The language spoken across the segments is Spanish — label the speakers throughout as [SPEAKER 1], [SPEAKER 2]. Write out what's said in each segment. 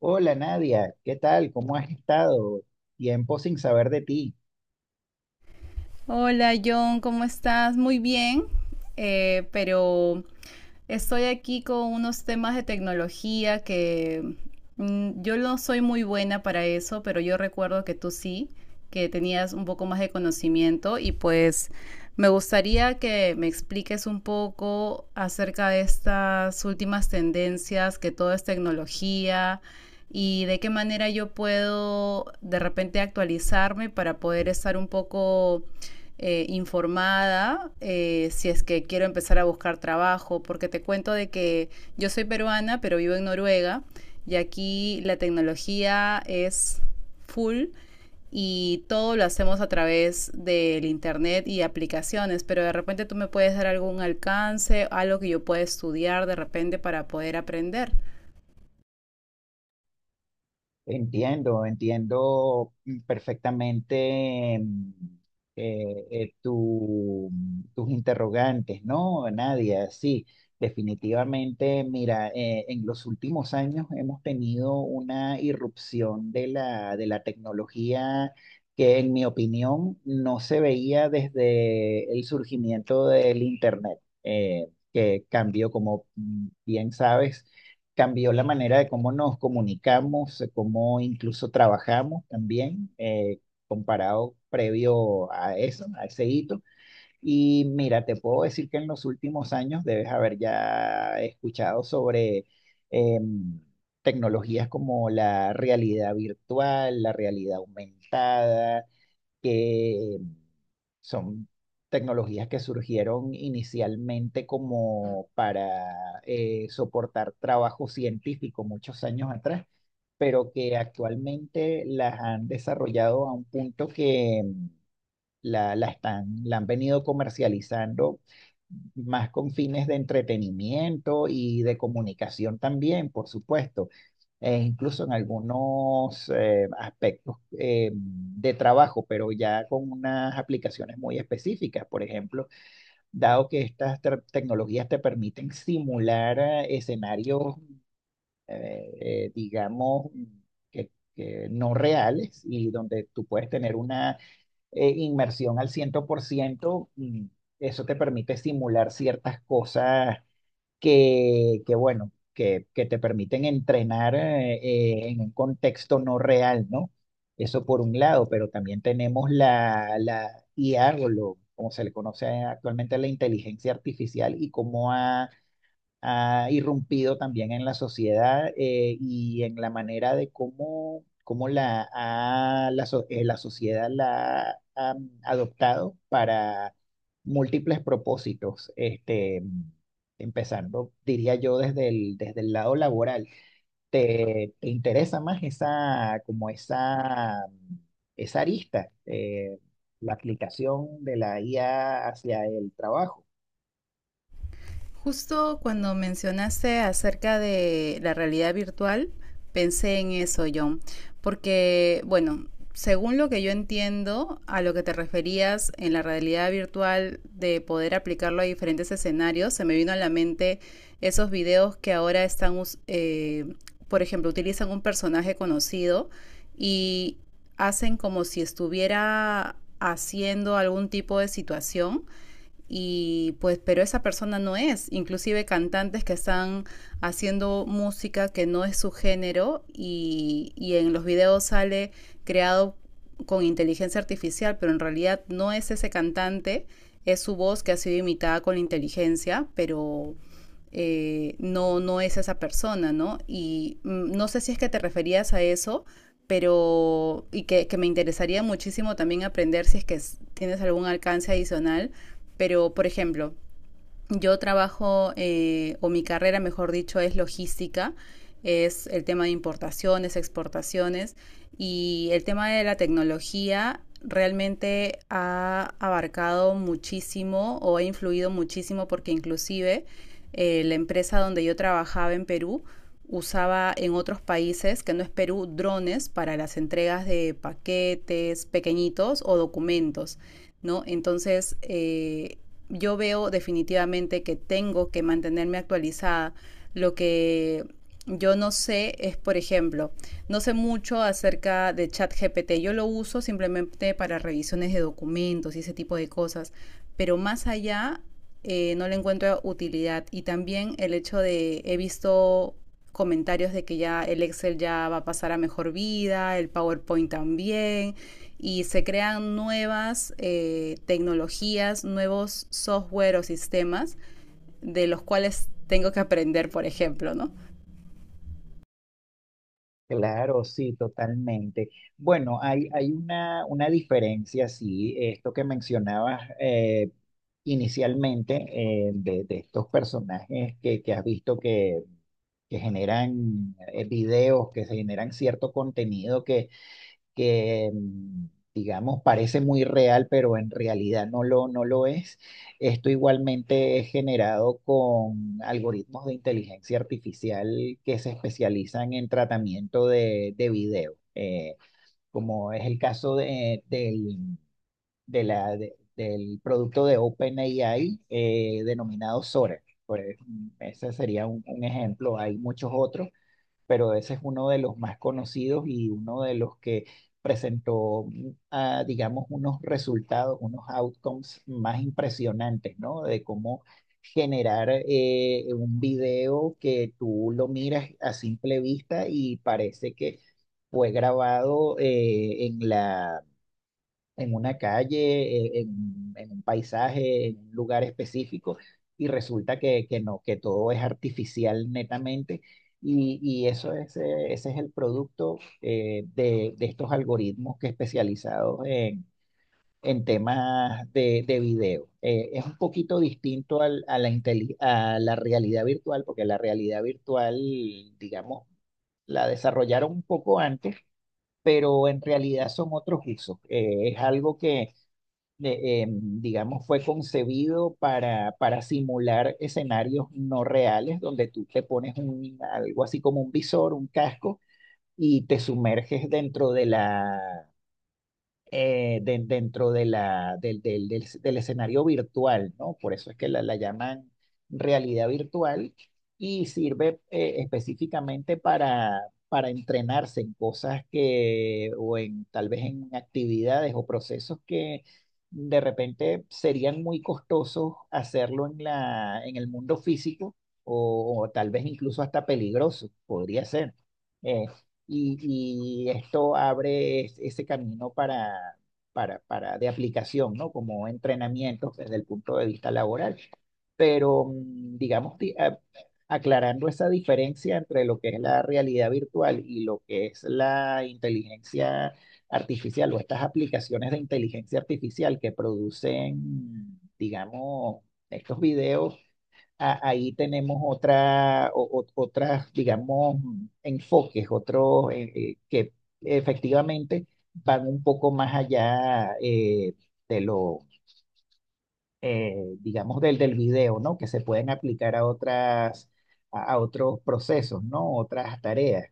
[SPEAKER 1] Hola Nadia, ¿qué tal? ¿Cómo has estado? Tiempo sin saber de ti.
[SPEAKER 2] Hola John, ¿cómo estás? Muy bien, pero estoy aquí con unos temas de tecnología que yo no soy muy buena para eso, pero yo recuerdo que tú sí, que tenías un poco más de conocimiento y pues me gustaría que me expliques un poco acerca de estas últimas tendencias, que todo es tecnología y de qué manera yo puedo de repente actualizarme para poder estar un poco informada, si es que quiero empezar a buscar trabajo, porque te cuento de que yo soy peruana, pero vivo en Noruega y aquí la tecnología es full y todo lo hacemos a través del internet y aplicaciones, pero de repente tú me puedes dar algún alcance, algo que yo pueda estudiar de repente para poder aprender.
[SPEAKER 1] Entiendo, entiendo, perfectamente, tus interrogantes, ¿no? Nadia, sí, definitivamente, mira, en los últimos años hemos tenido una irrupción de la tecnología que, en mi opinión, no se veía desde el surgimiento del Internet, que cambió, como bien sabes, cambió la manera de cómo nos comunicamos, de cómo incluso trabajamos también, comparado previo a eso, a ese hito. Y mira, te puedo decir que en los últimos años debes haber ya escuchado sobre em, tecnologías como la realidad virtual, la realidad aumentada, que son tecnologías que surgieron inicialmente como para soportar trabajo científico muchos años atrás, pero que actualmente las han desarrollado a un punto que la están, la han venido comercializando más con fines de entretenimiento y de comunicación también, por supuesto. E incluso en algunos aspectos de trabajo, pero ya con unas aplicaciones muy específicas. Por ejemplo, dado que estas tecnologías te permiten simular escenarios, eh, digamos, que, que no reales, y donde tú puedes tener una inmersión al 100%, y eso te permite simular ciertas cosas que, bueno, que te permiten entrenar, en un contexto no real, ¿no? Eso por un lado, pero también tenemos la, la IA, o lo, como se le conoce actualmente, la inteligencia artificial, y cómo ha irrumpido también en la sociedad, y en la manera de cómo, cómo la sociedad la ha adoptado para múltiples propósitos, este, empezando, diría yo, desde el lado laboral. ¿Te interesa más esa, como esa arista, la aplicación de la IA hacia el trabajo?
[SPEAKER 2] Justo cuando mencionaste acerca de la realidad virtual, pensé en eso, John, porque, bueno, según lo que yo entiendo, a lo que te referías en la realidad virtual de poder aplicarlo a diferentes escenarios, se me vino a la mente esos videos que ahora están, por ejemplo, utilizan un personaje conocido y hacen como si estuviera haciendo algún tipo de situación y pues pero esa persona no es, inclusive cantantes que están haciendo música que no es su género y en los videos sale creado con inteligencia artificial, pero en realidad no es ese cantante, es su voz que ha sido imitada con la inteligencia, pero no es esa persona, ¿no? Y no sé si es que te referías a eso, pero y que me interesaría muchísimo también aprender si es que tienes algún alcance adicional, pero, por ejemplo, yo trabajo, o mi carrera, mejor dicho, es logística, es el tema de importaciones, exportaciones, y el tema de la tecnología realmente ha abarcado muchísimo o ha influido muchísimo porque inclusive la empresa donde yo trabajaba en Perú usaba en otros países, que no es Perú, drones para las entregas de paquetes pequeñitos o documentos, ¿no? Entonces, yo veo definitivamente que tengo que mantenerme actualizada. Lo que yo no sé es, por ejemplo, no sé mucho acerca de ChatGPT. Yo lo uso simplemente para revisiones de documentos y ese tipo de cosas, pero más allá no le encuentro utilidad. Y también el hecho de, he visto comentarios de que ya el Excel ya va a pasar a mejor vida, el PowerPoint también, y se crean nuevas tecnologías, nuevos software o sistemas de los cuales tengo que aprender, por ejemplo, ¿no?
[SPEAKER 1] Claro, sí, totalmente. Bueno, hay una diferencia, sí. Esto que mencionabas inicialmente, de estos personajes que has visto, que generan videos, que se generan cierto contenido que digamos parece muy real, pero en realidad no lo, no lo es. Esto igualmente es generado con algoritmos de inteligencia artificial que se especializan en tratamiento de video, como es el caso de, del, de la, de- del producto de OpenAI, denominado Sora. Pues, ese sería un ejemplo. Hay muchos otros, pero ese es uno de los más conocidos y uno de los que presentó, digamos, unos resultados, unos outcomes más impresionantes, ¿no? De cómo generar un video que tú lo miras a simple vista y parece que fue grabado en una calle, en un paisaje, en un lugar específico, y resulta que no, que todo es artificial netamente, y eso es, ese es el producto, de estos algoritmos que especializados en temas de video. Es un poquito distinto al- a la realidad virtual, porque la realidad virtual, digamos, la desarrollaron un poco antes, pero en realidad son otros usos. Es algo que digamos, fue concebido para simular escenarios no reales donde tú te pones algo así como un visor, un casco, y te sumerges dentro dentro de la, del, del- del- del escenario virtual, ¿no? Por eso es que la llaman realidad virtual y sirve específicamente para entrenarse en cosas que, o en tal vez en actividades o procesos que de repente serían muy costosos hacerlo en el mundo físico, o tal vez incluso hasta peligroso, podría ser, y esto abre ese camino para, para de aplicación, ¿no? Como entrenamientos desde el punto de vista laboral. Pero, digamos, aclarando esa diferencia entre lo que es la realidad virtual y lo que es la inteligencia artificial, o estas aplicaciones de inteligencia artificial que producen, digamos, estos videos, ahí tenemos otras, digamos, enfoques, otros, que efectivamente van un poco más allá, de lo, digamos, del video, ¿no? Que se pueden aplicar a otras, a otros procesos, ¿no? Otras tareas.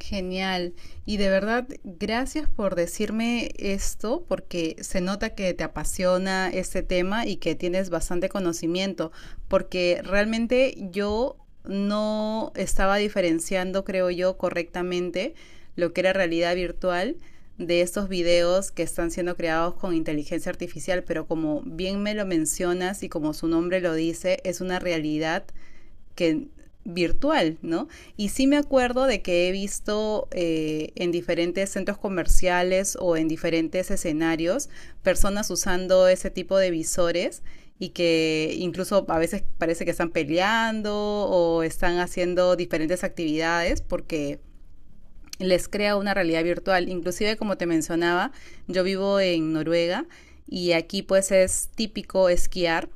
[SPEAKER 2] Genial. Y de verdad, gracias por decirme esto, porque se nota que te apasiona este tema y que tienes bastante conocimiento, porque realmente yo no estaba diferenciando, creo yo, correctamente lo que era realidad virtual de estos videos que están siendo creados con inteligencia artificial, pero como bien me lo mencionas y como su nombre lo dice, es una realidad que virtual, ¿no? Y sí me acuerdo de que he visto en diferentes centros comerciales o en diferentes escenarios personas usando ese tipo de visores y que incluso a veces parece que están peleando o están haciendo diferentes actividades porque les crea una realidad virtual. Inclusive, como te mencionaba, yo vivo en Noruega y aquí pues es típico esquiar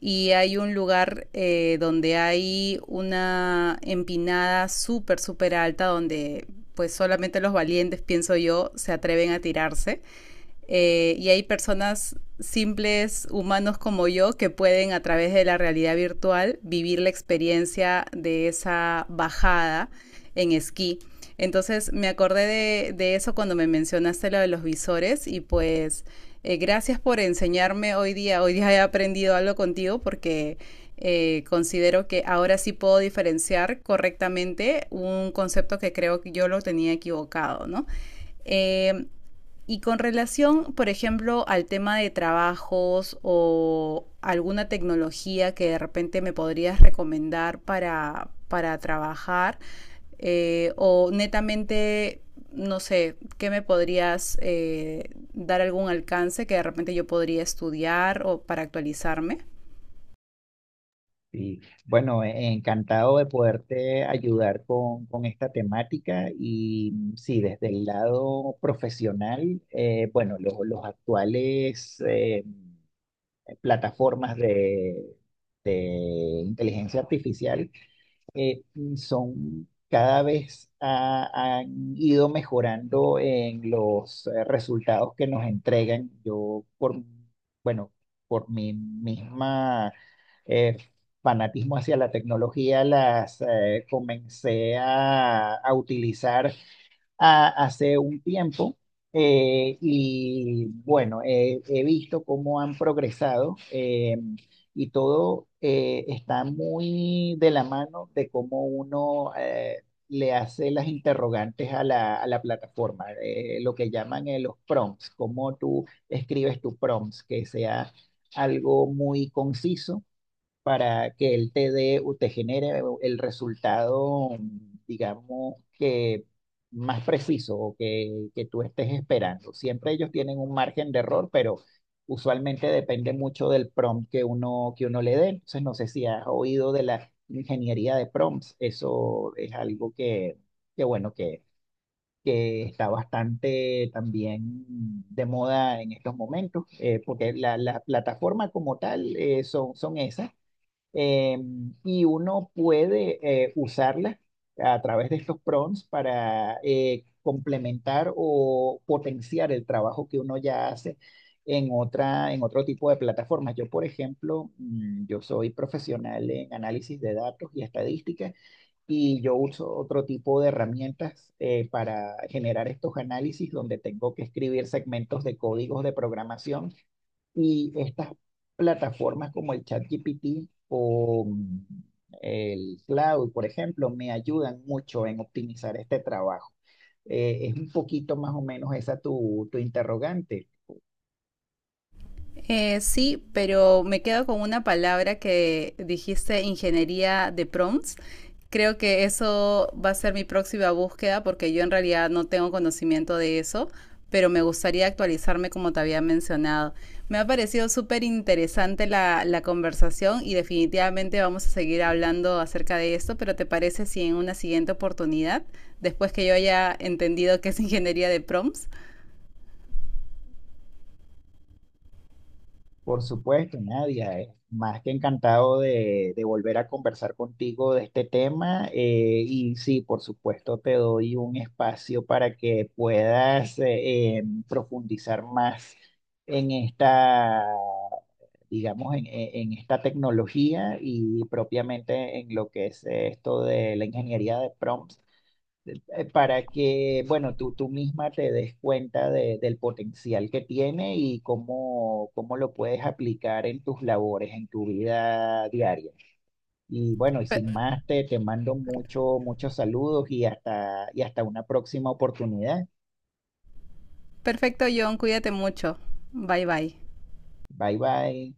[SPEAKER 2] y hay un lugar donde hay una empinada súper, súper alta donde pues solamente los valientes, pienso yo, se atreven a tirarse, y hay personas simples, humanos como yo, que pueden a través de la realidad virtual vivir la experiencia de esa bajada en esquí. Entonces me acordé de eso cuando me mencionaste lo de los visores y pues gracias por enseñarme hoy día. Hoy día he aprendido algo contigo porque considero que ahora sí puedo diferenciar correctamente un concepto que creo que yo lo tenía equivocado, ¿no? Eh, y con relación, por ejemplo, al tema de trabajos o alguna tecnología que de repente me podrías recomendar para trabajar, o netamente, no sé, ¿qué me podrías dar algún alcance que de repente yo podría estudiar o para actualizarme?
[SPEAKER 1] Y bueno, encantado de poderte ayudar con esta temática. Y sí, desde el lado profesional, bueno, los actuales... plataformas de inteligencia artificial, eh, son cada vez han ido mejorando en los resultados que nos entregan. Yo, bueno, por mi misma eh, fanatismo hacia la tecnología, las comencé a utilizar, hace un tiempo, y bueno, he visto cómo han progresado, y todo está muy de la mano de cómo uno le hace las interrogantes a la plataforma, lo que llaman los prompts, cómo tú escribes tu prompts, que sea algo muy conciso para que él te dé o te genere el resultado, digamos, que más preciso o que tú estés esperando. Siempre ellos tienen un margen de error, pero usualmente depende mucho del prompt que uno le dé. Entonces, no sé si has oído de la ingeniería de prompts. Eso es algo que, bueno, que está bastante también de moda en estos momentos, porque la plataforma como tal, son esas, eh, y uno puede usarla a través de estos prompts para complementar o potenciar el trabajo que uno ya hace en otro tipo de plataformas. Yo, por ejemplo, yo soy profesional en análisis de datos y estadística, y yo uso otro tipo de herramientas para generar estos análisis, donde tengo que escribir segmentos de códigos de programación, y estas plataformas como el ChatGPT, o el Cloud, por ejemplo, me ayudan mucho en optimizar este trabajo. Es un poquito más o menos esa tu interrogante.
[SPEAKER 2] Sí, pero me quedo con una palabra que dijiste, ingeniería de prompts. Creo que eso va a ser mi próxima búsqueda porque yo en realidad no tengo conocimiento de eso, pero me gustaría actualizarme como te había mencionado. Me ha parecido súper interesante la conversación y definitivamente vamos a seguir hablando acerca de esto, pero ¿te parece si en una siguiente oportunidad, después que yo haya entendido qué es ingeniería de prompts?
[SPEAKER 1] Por supuesto, Nadia, más que encantado de volver a conversar contigo de este tema. Y sí, por supuesto, te doy un espacio para que puedas profundizar más en esta, digamos, en esta tecnología, y propiamente en lo que es esto de la ingeniería de prompts, para que, bueno, tú misma te des cuenta del potencial que tiene y cómo lo puedes aplicar en tus labores, en tu vida diaria. Y bueno, y
[SPEAKER 2] Pe-
[SPEAKER 1] sin más, te mando muchos saludos, y y hasta una próxima oportunidad.
[SPEAKER 2] Perfecto, John, cuídate mucho. Bye bye.
[SPEAKER 1] Bye bye.